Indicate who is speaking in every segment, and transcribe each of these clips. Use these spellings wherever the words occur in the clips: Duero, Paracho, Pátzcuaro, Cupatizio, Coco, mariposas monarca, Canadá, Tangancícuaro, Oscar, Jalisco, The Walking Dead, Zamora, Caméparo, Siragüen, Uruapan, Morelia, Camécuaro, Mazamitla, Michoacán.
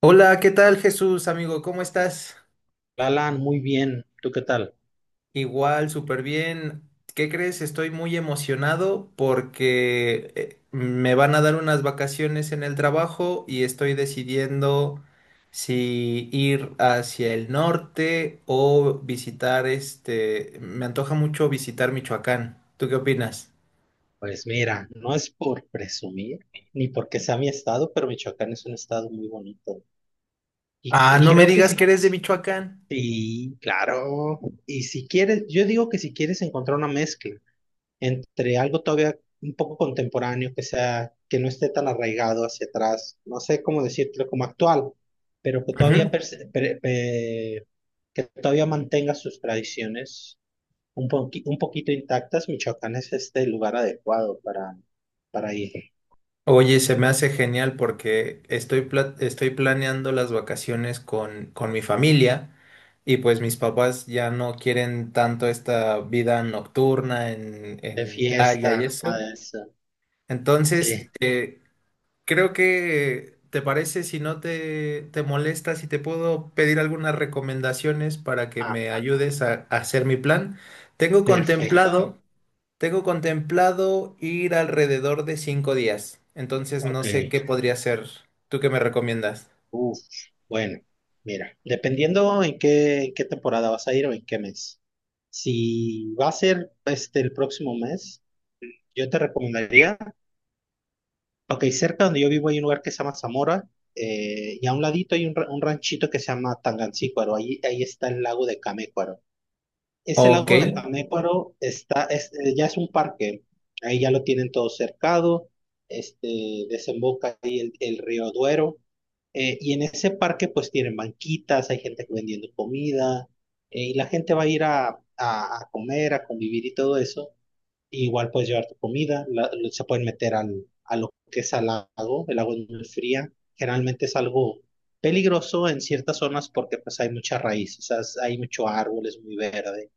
Speaker 1: Hola, ¿qué tal, Jesús, amigo? ¿Cómo estás?
Speaker 2: Alan, muy bien. ¿Tú qué tal?
Speaker 1: Igual, súper bien. ¿Qué crees? Estoy muy emocionado porque me van a dar unas vacaciones en el trabajo y estoy decidiendo si ir hacia el norte o visitar Me antoja mucho visitar Michoacán. ¿Tú qué opinas?
Speaker 2: Pues mira, no es por presumir ni porque sea mi estado, pero Michoacán es un estado muy bonito. Y,
Speaker 1: Ah,
Speaker 2: y
Speaker 1: no me
Speaker 2: creo que
Speaker 1: digas que
Speaker 2: sí.
Speaker 1: eres de Michoacán.
Speaker 2: Sí, claro. Y si quieres, yo digo que si quieres encontrar una mezcla entre algo todavía un poco contemporáneo, que sea, que no esté tan arraigado hacia atrás, no sé cómo decirlo, como actual, pero que todavía
Speaker 1: Ujú.
Speaker 2: que todavía mantenga sus tradiciones un, un poquito intactas. Michoacán es este lugar adecuado para ir
Speaker 1: Oye, se me hace genial porque estoy planeando las vacaciones con, mi familia y pues mis papás ya no quieren tanto esta vida nocturna en,
Speaker 2: de
Speaker 1: playa y
Speaker 2: fiesta,
Speaker 1: eso.
Speaker 2: nada de eso.
Speaker 1: Entonces,
Speaker 2: Sí.
Speaker 1: creo que, ¿te parece, si no te molesta, si te puedo pedir algunas recomendaciones para que
Speaker 2: Ah,
Speaker 1: me ayudes a hacer mi plan? Tengo
Speaker 2: perfecto.
Speaker 1: contemplado. Tengo contemplado ir alrededor de 5 días, entonces no
Speaker 2: Ok.
Speaker 1: sé qué podría hacer. ¿Tú qué me recomiendas?
Speaker 2: Uf, bueno, mira, dependiendo en qué temporada vas a ir o en qué mes. Si va a ser este el próximo mes, yo te recomendaría, ok, cerca donde yo vivo hay un lugar que se llama Zamora. Y a un ladito hay un, un ranchito que se llama Tangancícuaro. Ahí está el lago de Camécuaro. Ese
Speaker 1: Ok.
Speaker 2: lago de Caméparo ya es un parque, ahí ya lo tienen todo cercado, este, desemboca ahí el río Duero, y en ese parque pues tienen banquitas, hay gente vendiendo comida, y la gente va a ir a comer, a convivir y todo eso, igual puedes llevar tu comida, se pueden meter a lo que es al lago. El agua es muy fría, generalmente es algo peligroso en ciertas zonas porque pues hay mucha raíz, o sea, hay mucho árbol, es muy verde,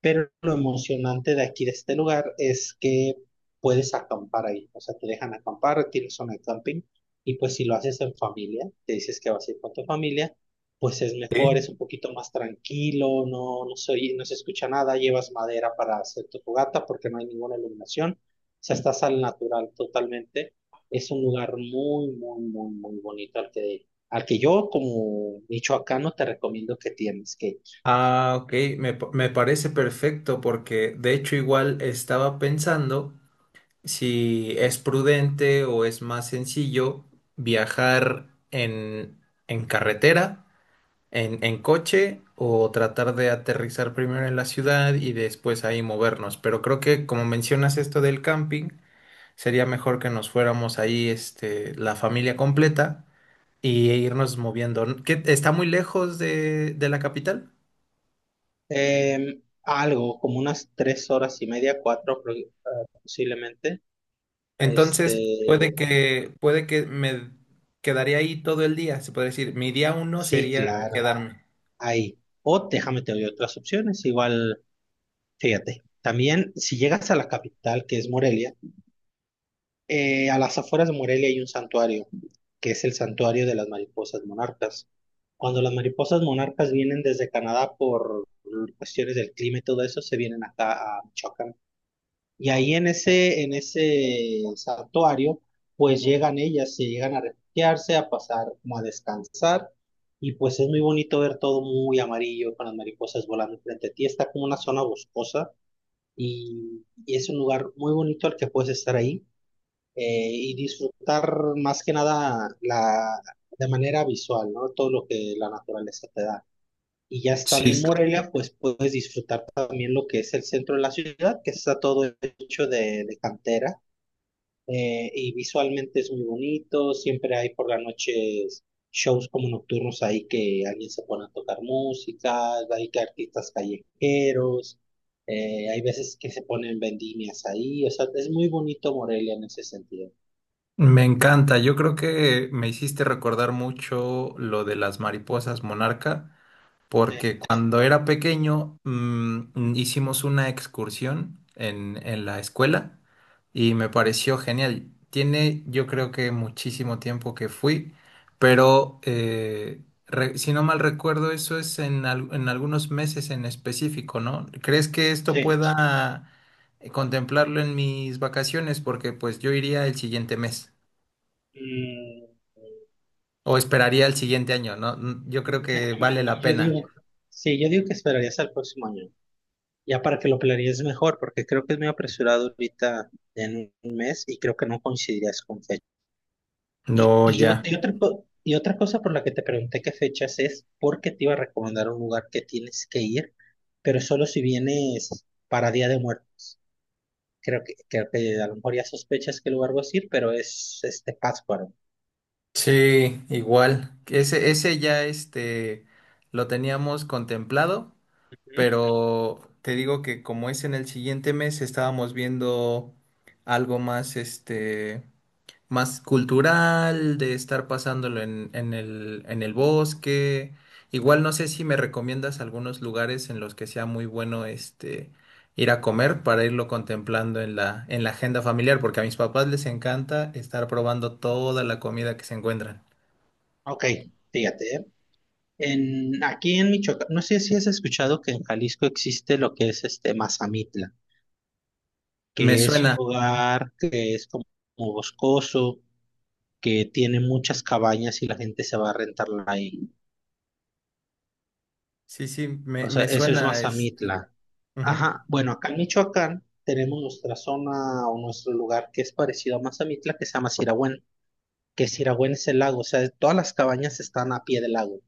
Speaker 2: pero lo emocionante de aquí, de este lugar, es que puedes acampar ahí. O sea, te dejan acampar, tienes zona de camping. Y pues si lo haces en familia, te dices que vas a ir con tu familia, pues es mejor,
Speaker 1: Sí.
Speaker 2: es un poquito más tranquilo, no, no se escucha nada. Llevas madera para hacer tu fogata porque no hay ninguna iluminación. O sea, estás al natural totalmente. Es un lugar muy, muy, muy, muy bonito al que yo como michoacano te recomiendo que tienes que.
Speaker 1: Ah, ok, me parece perfecto porque de hecho igual estaba pensando si es prudente o es más sencillo viajar en, carretera, en, coche o tratar de aterrizar primero en la ciudad y después ahí movernos. Pero creo que como mencionas esto del camping, sería mejor que nos fuéramos ahí, este, la familia completa y irnos moviendo, ¿no? ¿Qué, está muy lejos de, la capital?
Speaker 2: Algo, como unas tres horas y media, posiblemente.
Speaker 1: Entonces,
Speaker 2: Este,
Speaker 1: puede que me quedaría ahí todo el día, se puede decir. Mi día 1
Speaker 2: sí,
Speaker 1: sería
Speaker 2: claro,
Speaker 1: quedarme.
Speaker 2: ahí. O déjame te doy otras opciones, igual, fíjate. También, si llegas a la capital, que es Morelia, a las afueras de Morelia hay un santuario, que es el santuario de las mariposas monarcas. Cuando las mariposas monarcas vienen desde Canadá por cuestiones del clima y todo eso, se vienen acá a Michoacán. Y ahí en ese santuario, pues llegan ellas, se llegan a refugiarse, a pasar como a descansar. Y pues es muy bonito ver todo muy amarillo, con las mariposas volando frente a ti. Está como una zona boscosa y es un lugar muy bonito al que puedes estar ahí, y disfrutar más que nada la, de manera visual, ¿no? Todo lo que la naturaleza te da. Y ya estando en
Speaker 1: Sí,
Speaker 2: Morelia, pues puedes disfrutar también lo que es el centro de la ciudad, que está todo hecho de cantera, y visualmente es muy bonito. Siempre hay por las noches shows como nocturnos ahí, que alguien se pone a tocar música, hay que artistas callejeros, hay veces que se ponen vendimias ahí, o sea, es muy bonito Morelia en ese sentido.
Speaker 1: me encanta. Yo creo que me hiciste recordar mucho lo de las mariposas monarca,
Speaker 2: Sí,
Speaker 1: porque cuando era pequeño hicimos una excursión en, la escuela y me pareció genial. Tiene, yo creo que, muchísimo tiempo que fui, pero si no mal recuerdo eso es en, en algunos meses en específico, ¿no? ¿Crees que esto
Speaker 2: sí.
Speaker 1: pueda contemplarlo en mis vacaciones? Porque pues yo iría el siguiente mes
Speaker 2: Mm,
Speaker 1: o esperaría el siguiente año, ¿no? Mm, yo creo que vale la
Speaker 2: yo
Speaker 1: pena.
Speaker 2: digo, sí, yo digo que esperarías al próximo año. Ya para que lo planees mejor, porque creo que es muy apresurado ahorita en un mes y creo que no coincidirías con fecha. Y,
Speaker 1: No,
Speaker 2: y, ot-
Speaker 1: ya.
Speaker 2: y otra, y otra cosa por la que te pregunté qué fechas es, porque te iba a recomendar un lugar que tienes que ir, pero solo si vienes para Día de Muertos. Creo que a lo mejor ya sospechas qué lugar vas a ir, pero es este Pátzcuaro.
Speaker 1: Sí, igual. Ese ya este lo teníamos contemplado,
Speaker 2: Ujú.
Speaker 1: pero te digo que como es en el siguiente mes, estábamos viendo algo más este, más cultural, de estar pasándolo en el bosque. Igual no sé si me recomiendas algunos lugares en los que sea muy bueno este ir a comer para irlo contemplando en la agenda familiar, porque a mis papás les encanta estar probando toda la comida que se encuentran.
Speaker 2: Ok, fíjate, ¿eh? Aquí en Michoacán, no sé si has escuchado que en Jalisco existe lo que es este Mazamitla.
Speaker 1: Me
Speaker 2: Que es un
Speaker 1: suena,
Speaker 2: lugar que es como boscoso, que tiene muchas cabañas y la gente se va a rentarla ahí.
Speaker 1: sí, sí,
Speaker 2: O sea,
Speaker 1: me
Speaker 2: eso es
Speaker 1: suena, este,
Speaker 2: Mazamitla.
Speaker 1: ujú.
Speaker 2: Ajá, bueno, acá en Michoacán tenemos nuestra zona o nuestro lugar que es parecido a Mazamitla, que se llama Siragüen, que Siragüen es el lago, o sea, todas las cabañas están a pie del lago,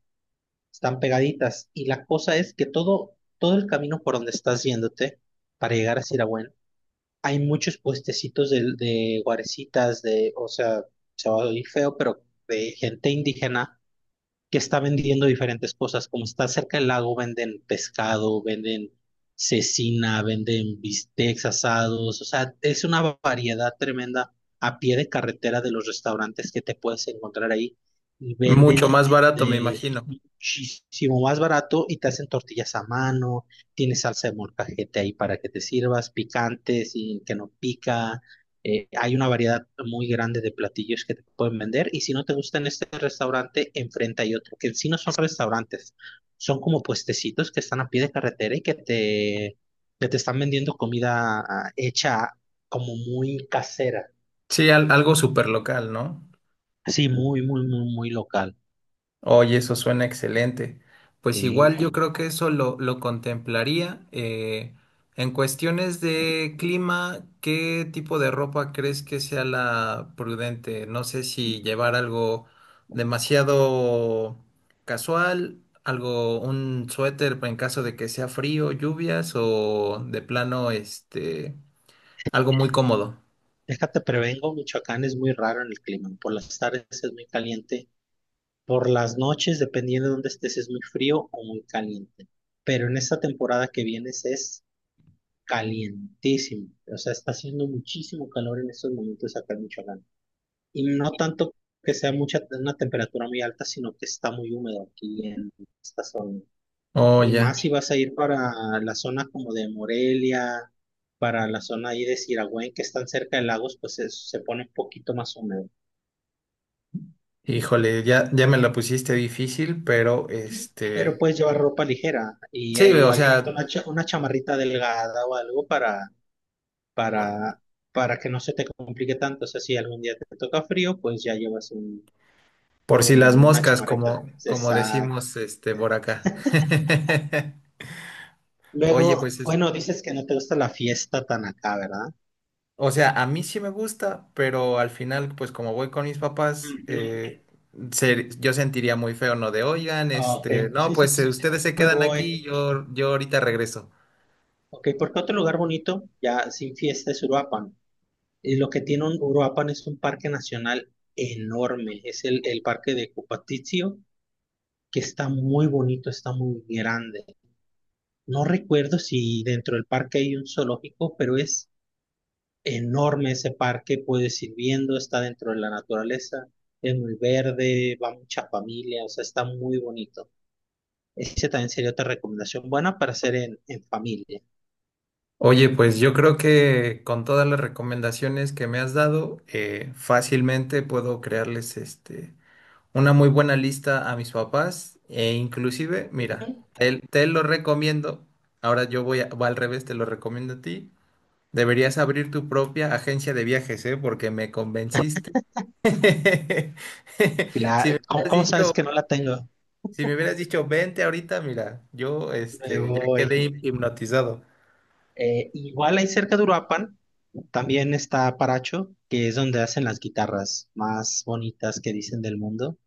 Speaker 2: están pegaditas, y la cosa es que todo, todo el camino por donde estás yéndote para llegar a Siragüen hay muchos puestecitos de guarecitas, de, o sea, se va a oír feo, pero de gente indígena que está vendiendo diferentes cosas. Como está cerca del lago, venden pescado, venden cecina, venden bistecs asados. O sea, es una variedad tremenda a pie de carretera de los restaurantes que te puedes encontrar ahí. Y
Speaker 1: Mucho
Speaker 2: venden
Speaker 1: más barato, me
Speaker 2: eh,
Speaker 1: imagino.
Speaker 2: muchísimo más barato y te hacen tortillas a mano, tienes salsa de molcajete ahí para que te sirvas, picantes y que no pica. Hay una variedad muy grande de platillos que te pueden vender, y si no te gusta en este restaurante, enfrente hay otro, que en sí no son restaurantes, son como puestecitos que están a pie de carretera y que te están vendiendo comida hecha como muy casera,
Speaker 1: Sí, algo súper local, ¿no?
Speaker 2: sí muy, muy, muy, muy local.
Speaker 1: Oye, eso suena excelente. Pues
Speaker 2: Sí.
Speaker 1: igual yo creo que eso lo contemplaría. En cuestiones de clima, ¿qué tipo de ropa crees que sea la prudente? No sé si llevar algo demasiado casual, algo, un suéter en caso de que sea frío, lluvias o de plano, este, algo muy cómodo.
Speaker 2: Déjate, prevengo, Michoacán es muy raro en el clima. Por las tardes es muy caliente, por las noches, dependiendo de dónde estés, es muy frío o muy caliente. Pero en esta temporada que vienes es calientísimo. O sea, está haciendo muchísimo calor en estos momentos acá en Michoacán. Y no tanto que sea mucha, una temperatura muy alta, sino que está muy húmedo aquí en esta zona.
Speaker 1: Oh,
Speaker 2: Y
Speaker 1: ya.
Speaker 2: más si vas a ir para la zona como de Morelia, para la zona ahí de Siragüen, que están cerca de lagos, pues se pone un poquito más húmedo.
Speaker 1: Híjole, ya, ya me la pusiste difícil, pero este.
Speaker 2: Pero puedes llevar ropa ligera y
Speaker 1: Sí, o
Speaker 2: igual llevarte
Speaker 1: sea,
Speaker 2: una, una chamarrita delgada o algo
Speaker 1: Por,
Speaker 2: para, para que no se te complique tanto. O sea, si algún día te toca frío, pues ya llevas
Speaker 1: por si las
Speaker 2: una
Speaker 1: moscas,
Speaker 2: chamarrita.
Speaker 1: como, como
Speaker 2: Exacto.
Speaker 1: decimos este, por acá. Oye,
Speaker 2: Luego,
Speaker 1: pues es,
Speaker 2: bueno, dices que no te gusta la fiesta tan acá, ¿verdad?
Speaker 1: o sea, a mí sí me gusta, pero al final, pues como voy con mis papás,
Speaker 2: Ujú.
Speaker 1: se- yo sentiría muy feo, ¿no? De, oigan,
Speaker 2: Ah, ok,
Speaker 1: este, no,
Speaker 2: sí, sí,
Speaker 1: pues
Speaker 2: sí.
Speaker 1: ustedes se
Speaker 2: Me
Speaker 1: quedan
Speaker 2: voy.
Speaker 1: aquí, yo ahorita regreso.
Speaker 2: Ok, porque otro lugar bonito, ya sin fiesta, es Uruapan. Y lo que tiene un Uruapan es un parque nacional enorme. Es el parque de Cupatizio, que está muy bonito, está muy grande. No recuerdo si dentro del parque hay un zoológico, pero es enorme ese parque. Puedes ir viendo, está dentro de la naturaleza, es muy verde, va mucha familia, o sea, está muy bonito. Ese también sería otra recomendación buena para hacer en familia.
Speaker 1: Oye, pues yo creo que con todas las recomendaciones que me has dado, fácilmente puedo crearles este una muy buena lista a mis papás e inclusive, mira,
Speaker 2: Ujú.
Speaker 1: te lo recomiendo, ahora yo voy, va al revés, te lo recomiendo a ti, deberías abrir tu propia agencia de viajes, ¿eh? Porque me convenciste. Si me
Speaker 2: ¿Cómo,
Speaker 1: hubieras
Speaker 2: cómo sabes
Speaker 1: dicho,
Speaker 2: que no la tengo?
Speaker 1: si me hubieras dicho, vente ahorita, mira, yo
Speaker 2: Me
Speaker 1: este, ya
Speaker 2: voy.
Speaker 1: quedé hipnotizado.
Speaker 2: Igual ahí cerca de Uruapan también está Paracho, que es donde hacen las guitarras más bonitas que dicen del mundo,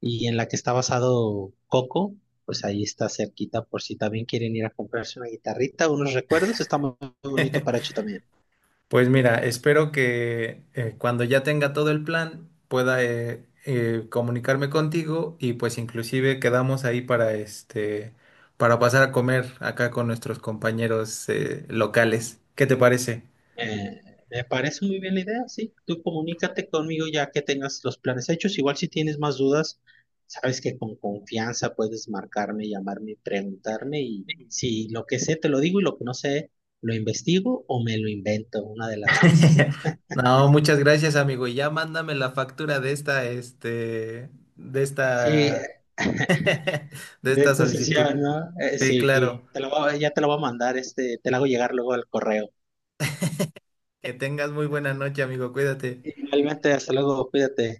Speaker 2: y en la que está basado Coco, pues ahí está cerquita por si también quieren ir a comprarse una guitarrita, unos recuerdos, está muy bonito Paracho también.
Speaker 1: Pues mira, espero que, cuando ya tenga todo el plan, pueda, comunicarme contigo y pues inclusive quedamos ahí para este, para pasar a comer acá con nuestros compañeros, locales. ¿Qué te parece?
Speaker 2: Eh, Me parece muy bien la idea, sí. Tú comunícate conmigo ya que tengas los planes hechos. Igual si tienes más dudas, sabes que con confianza puedes marcarme, llamarme, y preguntarme, y si lo que sé te lo digo, y lo que no sé lo investigo o me lo invento, una de las dos.
Speaker 1: No, muchas gracias, amigo. Y ya mándame la factura de esta, este, de
Speaker 2: Sí,
Speaker 1: esta de
Speaker 2: de
Speaker 1: esta
Speaker 2: esta
Speaker 1: solicitud.
Speaker 2: sesión, ¿no?
Speaker 1: Sí,
Speaker 2: Sí,
Speaker 1: claro.
Speaker 2: te lo voy a- ya te lo voy a mandar, este, te lo hago llegar luego al correo.
Speaker 1: Que tengas muy buena noche, amigo. Cuídate.
Speaker 2: Igualmente, hasta luego, cuídate.